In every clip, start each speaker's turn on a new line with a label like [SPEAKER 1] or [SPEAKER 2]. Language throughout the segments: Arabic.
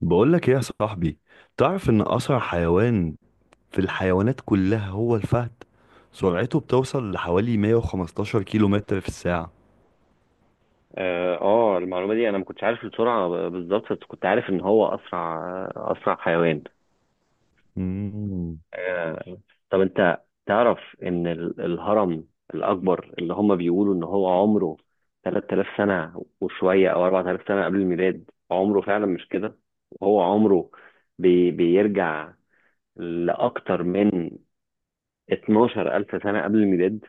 [SPEAKER 1] بقولك ايه يا صاحبي؟ تعرف ان اسرع حيوان في الحيوانات كلها هو الفهد. سرعته بتوصل لحوالي 115 كيلو متر في الساعة.
[SPEAKER 2] اه، المعلومة دي انا ما كنتش عارف السرعة بالظبط. بس كنت عارف ان هو اسرع حيوان.
[SPEAKER 1] مم.
[SPEAKER 2] آه، طب انت تعرف ان الهرم الاكبر اللي هم بيقولوا ان هو عمره 3000 سنة وشوية او 4000 سنة قبل الميلاد؟ عمره فعلا مش كده، وهو عمره بيرجع لاكتر من 12000 سنة قبل الميلاد.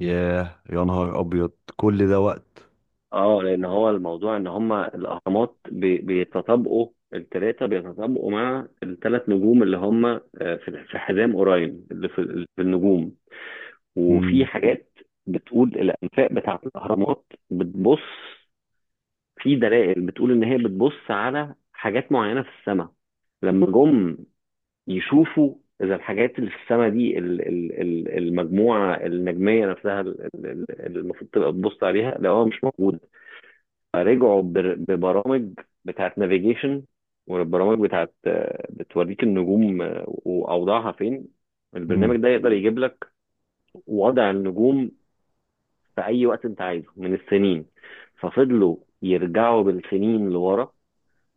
[SPEAKER 1] ياه يا نهار ابيض! كل ده وقت.
[SPEAKER 2] اه، لان هو الموضوع ان هما الاهرامات بيتطابقوا، التلاتة بيتطابقوا مع التلات نجوم اللي هما، في حزام اوراين، اللي في النجوم. وفي
[SPEAKER 1] مم.
[SPEAKER 2] حاجات بتقول الانفاق بتاعة الاهرامات بتبص، في دلائل بتقول ان هي بتبص على حاجات معينة في السماء. لما جم يشوفوا اذا الحاجات اللي في السماء دي، المجموعة النجمية نفسها، اللي المفروض تبقى بتبص عليها، لقوها مش موجودة. رجعوا ببرامج بتاعت نافيجيشن، والبرامج بتاعت، بتوريك النجوم واوضاعها فين. البرنامج
[SPEAKER 1] مم.
[SPEAKER 2] ده يقدر يجيب لك وضع النجوم في اي وقت انت عايزه من السنين. ففضلوا يرجعوا بالسنين لورا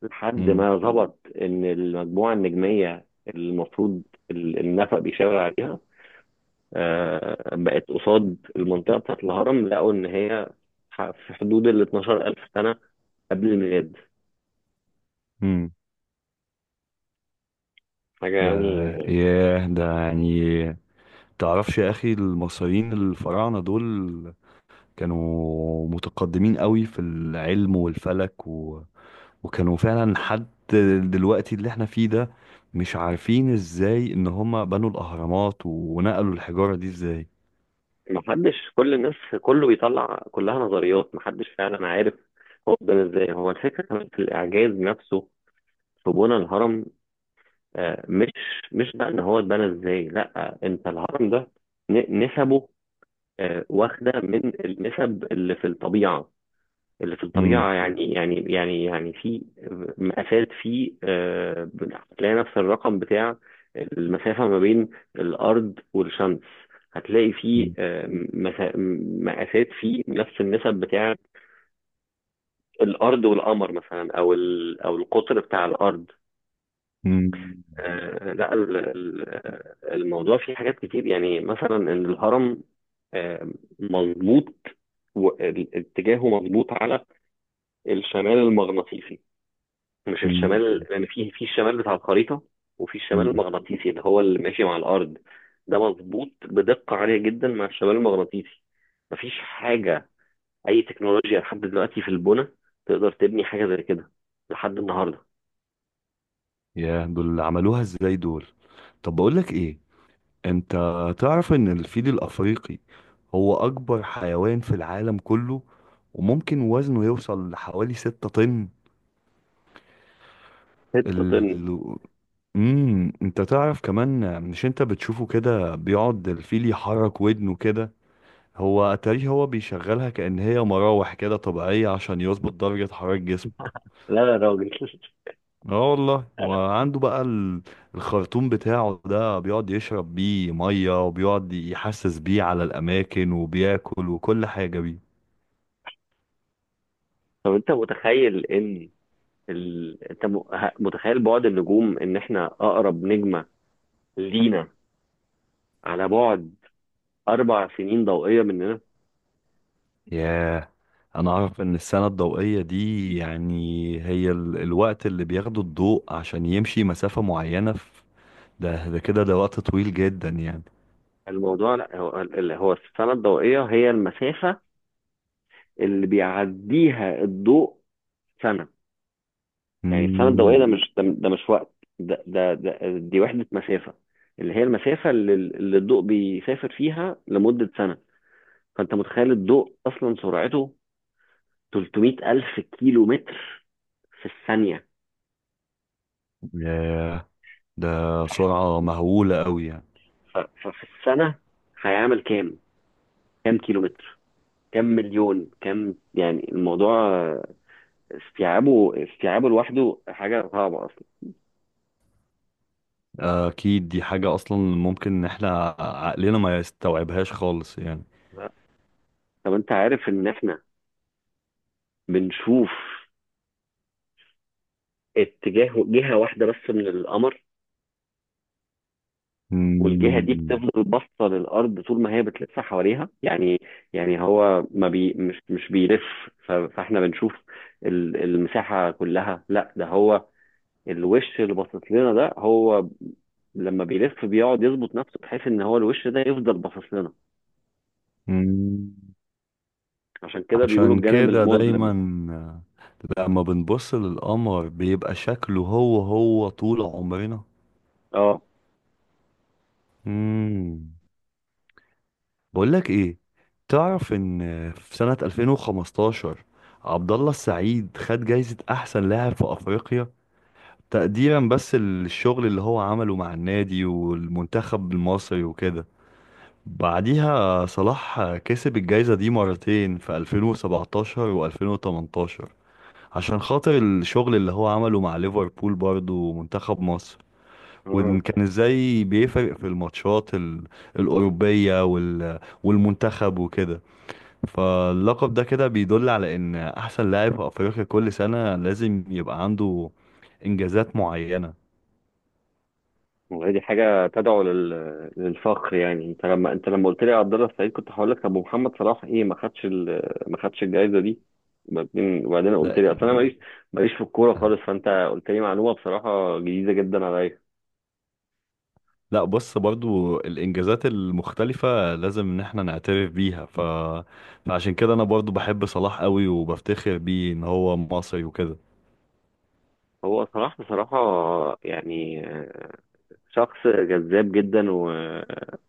[SPEAKER 2] لحد
[SPEAKER 1] مم.
[SPEAKER 2] ما ظبط ان المجموعه النجميه المفروض النفق بيشاور عليها، بقت قصاد المنطقه بتاعت الهرم. لقوا ان هي في حدود ال 12000 سنه قبل الميلاد.
[SPEAKER 1] مم.
[SPEAKER 2] حاجه
[SPEAKER 1] ده
[SPEAKER 2] يعني.
[SPEAKER 1] ياه، ده يعني تعرفش يا اخي، المصريين الفراعنة دول كانوا متقدمين قوي في العلم والفلك، وكانوا فعلا حد. دلوقتي اللي احنا فيه ده مش عارفين ازاي ان هم بنوا الاهرامات ونقلوا الحجارة دي ازاي.
[SPEAKER 2] محدش، كل الناس كله بيطلع كلها نظريات، محدش فعلا عارف هو قدام ازاي. هو الفكرة كمان في الإعجاز نفسه في بنى الهرم. آه، مش مش بقى إن هو اتبنى ازاي، لأ، أنت الهرم ده نسبه واخدة من النسب اللي في الطبيعة.
[SPEAKER 1] مم.
[SPEAKER 2] يعني في مقاسات، في هتلاقي نفس الرقم بتاع المسافة ما بين الأرض والشمس. هتلاقي في
[SPEAKER 1] مم.
[SPEAKER 2] مسا- مقاسات في نفس النسب بتاع الأرض والقمر مثلا، أو أو القطر بتاع الأرض.
[SPEAKER 1] مم.
[SPEAKER 2] لا، الموضوع فيه حاجات كتير يعني، مثلا إن الهرم آه، مظبوط. اتجاهه مظبوط على الشمال المغناطيسي، مش
[SPEAKER 1] مم.
[SPEAKER 2] الشمال يعني، في الشمال بتاع الخريطة، وفي الشمال
[SPEAKER 1] مم.
[SPEAKER 2] المغناطيسي اللي هو اللي ماشي مع الأرض. ده مظبوط بدقة عالية جدا مع الشمال المغناطيسي. مفيش حاجة، أي تكنولوجيا لحد دلوقتي في البنى، تقدر تبني حاجة زي كده لحد النهاردة.
[SPEAKER 1] يا دول اللي عملوها ازاي دول! طب بقول لك ايه، انت تعرف ان الفيل الافريقي هو اكبر حيوان في العالم كله، وممكن وزنه يوصل لحوالي 6 طن.
[SPEAKER 2] 6 طن.
[SPEAKER 1] ال... انت تعرف كمان، مش انت بتشوفه كده بيقعد الفيل يحرك ودنه كده؟ هو اتاريه هو بيشغلها كأن هي مراوح كده طبيعية عشان يظبط درجة حرارة جسمه.
[SPEAKER 2] لا يا راجل
[SPEAKER 1] اه والله،
[SPEAKER 2] أنا-
[SPEAKER 1] وعنده بقى الخرطوم بتاعه ده بيقعد يشرب بيه مية وبيقعد يحسس بيه على الأماكن وبياكل وكل حاجة بيه.
[SPEAKER 2] طب أنت متخيل إن متخيل بعد النجوم إن إحنا أقرب نجمة لينا على بعد 4 سنين ضوئية مننا.
[SPEAKER 1] ياه، انا اعرف ان السنة الضوئية دي يعني هي الوقت اللي بياخده الضوء عشان يمشي مسافة معينة. ده وقت طويل جدا يعني.
[SPEAKER 2] الموضوع، لا هو اللي هو السنة الضوئية هي المسافة اللي بيعديها الضوء سنة. يعني السنة الضوئية، ده
[SPEAKER 1] مم.
[SPEAKER 2] مش ده، ده مش وقت ده, ده, ده دي وحدة مسافة، اللي هي المسافة اللي الضوء بيسافر فيها لمدة سنة. فأنت متخيل الضوء أصلا سرعته 300 ألف كيلو متر في الثانية.
[SPEAKER 1] ياه، ده سرعة مهولة قوي يعني.
[SPEAKER 2] ففي السنة هيعمل كام؟ كام كيلو متر؟ كام مليون؟ كام يعني؟ الموضوع استيعابه لوحده حاجة صعبة أصلا.
[SPEAKER 1] أكيد دي حاجة أصلا ممكن إن إحنا عقلنا ما يستوعبهاش خالص يعني.
[SPEAKER 2] لا. طب انت عارف ان احنا بنشوف اتجاه جهة واحدة بس من القمر، والجهة دي
[SPEAKER 1] مم.
[SPEAKER 2] بتفضل باصة للأرض طول ما هي بتلف حواليها. يعني يعني هو ما مش بيلف. فاحنا بنشوف المساحة كلها. لا، ده هو الوش اللي باصص لنا. ده هو لما بيلف بيقعد يظبط نفسه بحيث ان هو الوش ده يفضل باصص لنا.
[SPEAKER 1] مم.
[SPEAKER 2] عشان كده بيقولوا
[SPEAKER 1] عشان
[SPEAKER 2] الجانب
[SPEAKER 1] كده دايما
[SPEAKER 2] المظلم.
[SPEAKER 1] لما بنبص للقمر بيبقى شكله هو هو طول عمرنا.
[SPEAKER 2] اه،
[SPEAKER 1] مم. بقولك ايه، تعرف ان في سنة 2015 عبد الله السعيد خد جايزة احسن لاعب في افريقيا، تقديرا بس للشغل اللي هو عمله مع النادي والمنتخب المصري وكده. بعديها صلاح كسب الجايزة دي مرتين في 2017 و2018، عشان خاطر الشغل اللي هو عمله مع ليفربول برضه ومنتخب مصر، وإن كان ازاي بيفرق في الماتشات الأوروبية والمنتخب وكده. فاللقب ده كده بيدل على ان احسن لاعب في افريقيا كل سنة لازم يبقى عنده انجازات معينة.
[SPEAKER 2] والله دي حاجة تدعو للفخر. يعني انت لما، قلت لي عبد الله السعيد، كنت هقول لك طب ومحمد صلاح ايه، ما خدش الجائزة دي؟ وبعدين، قلت
[SPEAKER 1] لا،
[SPEAKER 2] لي اصل انا ماليش، في الكورة خالص. فانت قلت لي معلومة بصراحة جديدة جدا عليا.
[SPEAKER 1] لا، بص برضو الانجازات المختلفة لازم ان احنا نعترف بيها. فعشان كده انا برضو بحب صلاح قوي وبفتخر بيه ان هو مصري وكده.
[SPEAKER 2] هو صلاح بصراحة يعني شخص جذاب جدا، و...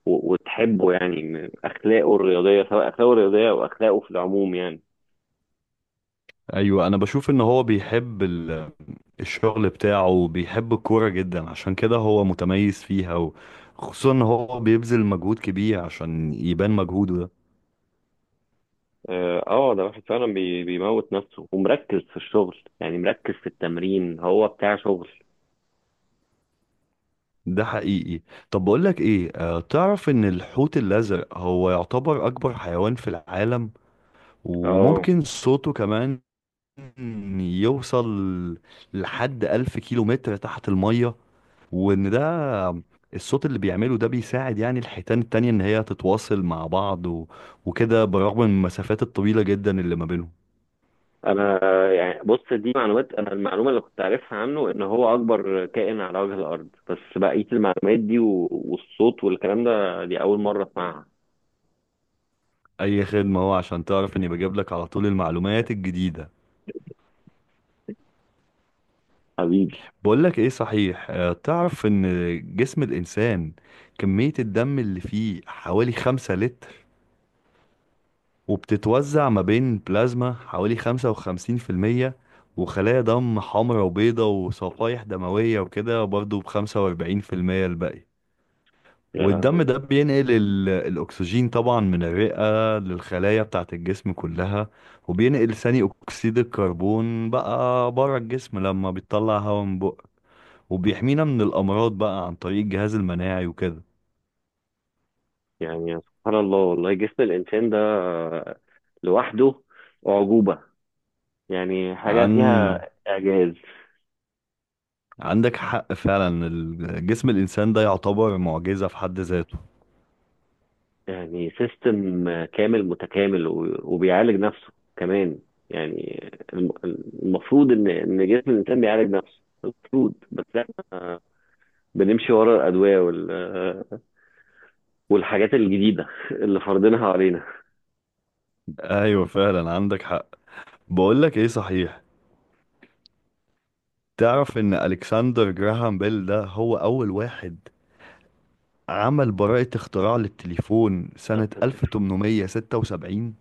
[SPEAKER 2] و... وتحبه يعني، من أخلاقه الرياضية، سواء أخلاقه الرياضية أو أخلاقه في العموم يعني.
[SPEAKER 1] ايوه، انا بشوف ان هو بيحب الشغل بتاعه وبيحب الكورة جدا، عشان كده هو متميز فيها، وخصوصا ان هو بيبذل مجهود كبير عشان يبان مجهوده ده.
[SPEAKER 2] اه، ده واحد فعلا بيموت نفسه ومركز في الشغل، يعني مركز في التمرين، هو بتاع شغل.
[SPEAKER 1] ده حقيقي. طب بقول لك ايه، تعرف ان الحوت الازرق هو يعتبر اكبر حيوان في العالم،
[SPEAKER 2] اه،
[SPEAKER 1] وممكن صوته كمان يوصل لحد 1000 كيلو متر تحت المية. وان ده الصوت اللي بيعمله ده بيساعد يعني الحيتان التانية ان هي تتواصل مع بعض وكده، برغم من المسافات الطويلة جدا اللي ما بينهم.
[SPEAKER 2] انا يعني بص، دي معلومات. انا المعلومه اللي كنت عارفها عنه ان هو اكبر كائن على وجه الارض، بس بقيه المعلومات دي والصوت والكلام ده، دي اول مره اسمعها.
[SPEAKER 1] اي خدمة، هو عشان تعرف اني بجيب لك على طول المعلومات الجديدة.
[SPEAKER 2] حبيبي.
[SPEAKER 1] بقولك ايه صحيح، تعرف ان جسم الانسان كمية الدم اللي فيه حوالي 5 لتر، وبتتوزع ما بين بلازما حوالي 55%، وخلايا دم حمراء وبيضة وصفائح دموية، وكده برضو بخمسة واربعين في المية الباقي.
[SPEAKER 2] يا
[SPEAKER 1] والدم
[SPEAKER 2] لهوي!
[SPEAKER 1] ده بينقل الأكسجين طبعا من الرئة للخلايا بتاعة الجسم كلها، وبينقل ثاني أكسيد الكربون بقى بره الجسم لما بيطلع هواء من بقه، وبيحمينا من الأمراض بقى عن طريق الجهاز المناعي وكده.
[SPEAKER 2] يعني سبحان الله، والله جسم الانسان ده لوحده اعجوبه. يعني حاجه فيها
[SPEAKER 1] عن
[SPEAKER 2] اعجاز.
[SPEAKER 1] عندك حق فعلا، جسم الإنسان ده يعتبر معجزة في حد ذاته.
[SPEAKER 2] يعني سيستم كامل متكامل، وبيعالج نفسه كمان. يعني المفروض ان جسم الانسان بيعالج نفسه المفروض، بس احنا بنمشي ورا الادويه والحاجات الجديده اللي فرضينها علينا.
[SPEAKER 1] أيوة فعلا عندك حق. بقولك إيه صحيح، تعرف إن ألكسندر جراهام بيل ده هو أول واحد عمل براءة اختراع للتليفون سنة
[SPEAKER 2] بالظبط، التليفون.
[SPEAKER 1] 1876.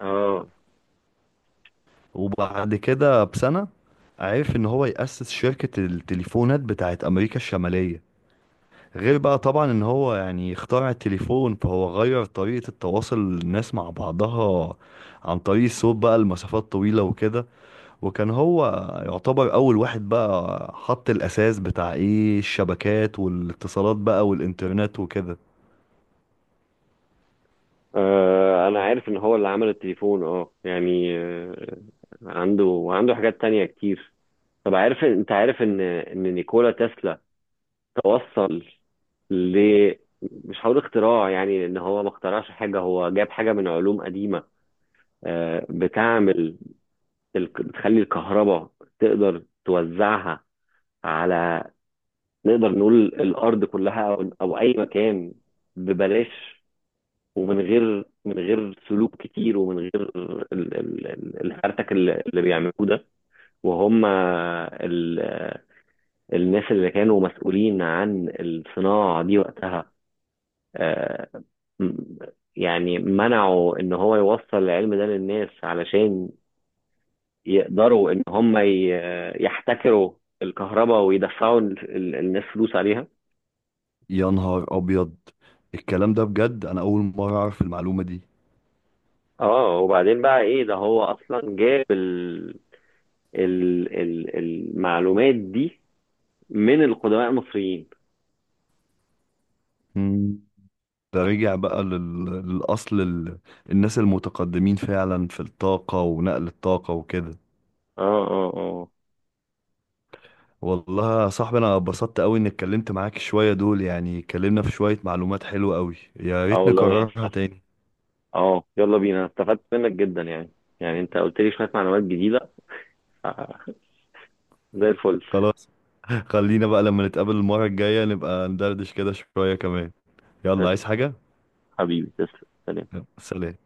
[SPEAKER 2] اه،
[SPEAKER 1] وبعد كده بسنة عرف إن هو يأسس شركة التليفونات بتاعت أمريكا الشمالية. غير بقى طبعا ان هو يعني اخترع التليفون، فهو غير طريقة التواصل الناس مع بعضها عن طريق الصوت بقى لمسافات طويلة وكده. وكان هو يعتبر اول واحد بقى حط الاساس بتاع ايه الشبكات والاتصالات بقى والانترنت وكده.
[SPEAKER 2] انا عارف ان هو اللي عمل التليفون، اه يعني، عنده وعنده حاجات تانية كتير. طب عارف، عارف ان نيكولا تسلا توصل ل مش هقول اختراع، يعني ان هو ما اخترعش حاجه، هو جاب حاجه من علوم قديمه بتعمل بتخلي الكهرباء تقدر توزعها على، نقدر نقول، الارض كلها او اي مكان ببلاش، ومن غير، من غير سلوك كتير، ومن غير الهرتك اللي بيعملوه ده، وهم الناس اللي كانوا مسؤولين عن الصناعه دي وقتها. آه، م- يعني منعوا ان هو يوصل العلم ده للناس علشان يقدروا ان هم يحتكروا الكهرباء ويدفعوا الناس فلوس عليها.
[SPEAKER 1] يا نهار ابيض، الكلام ده بجد انا اول مرة اعرف المعلومة دي.
[SPEAKER 2] اه، وبعدين بقى ايه، ده هو اصلا جاب ال المعلومات دي من القدماء المصريين.
[SPEAKER 1] مم. ده رجع بقى للاصل، الناس المتقدمين فعلا في الطاقة ونقل الطاقة وكده.
[SPEAKER 2] اه، اه، اه.
[SPEAKER 1] والله يا صاحبي، انا اتبسطت قوي اني اتكلمت معاك شوية دول، يعني اتكلمنا في شوية معلومات حلوة قوي، يا
[SPEAKER 2] اه،
[SPEAKER 1] ريت
[SPEAKER 2] والله يا
[SPEAKER 1] نكررها
[SPEAKER 2] أستاذ.
[SPEAKER 1] تاني.
[SPEAKER 2] اه، يلا بينا، أنا استفدت منك جدا يعني. انت قلت لي شوية معلومات جديدة، ف- زي الفل.
[SPEAKER 1] خلاص. خلينا بقى لما نتقابل المرة الجاية نبقى ندردش كده شوية كمان. يلا، عايز
[SPEAKER 2] قشطة،
[SPEAKER 1] حاجة؟
[SPEAKER 2] حبيبي، تسلم. سلام.
[SPEAKER 1] يلا، سلام.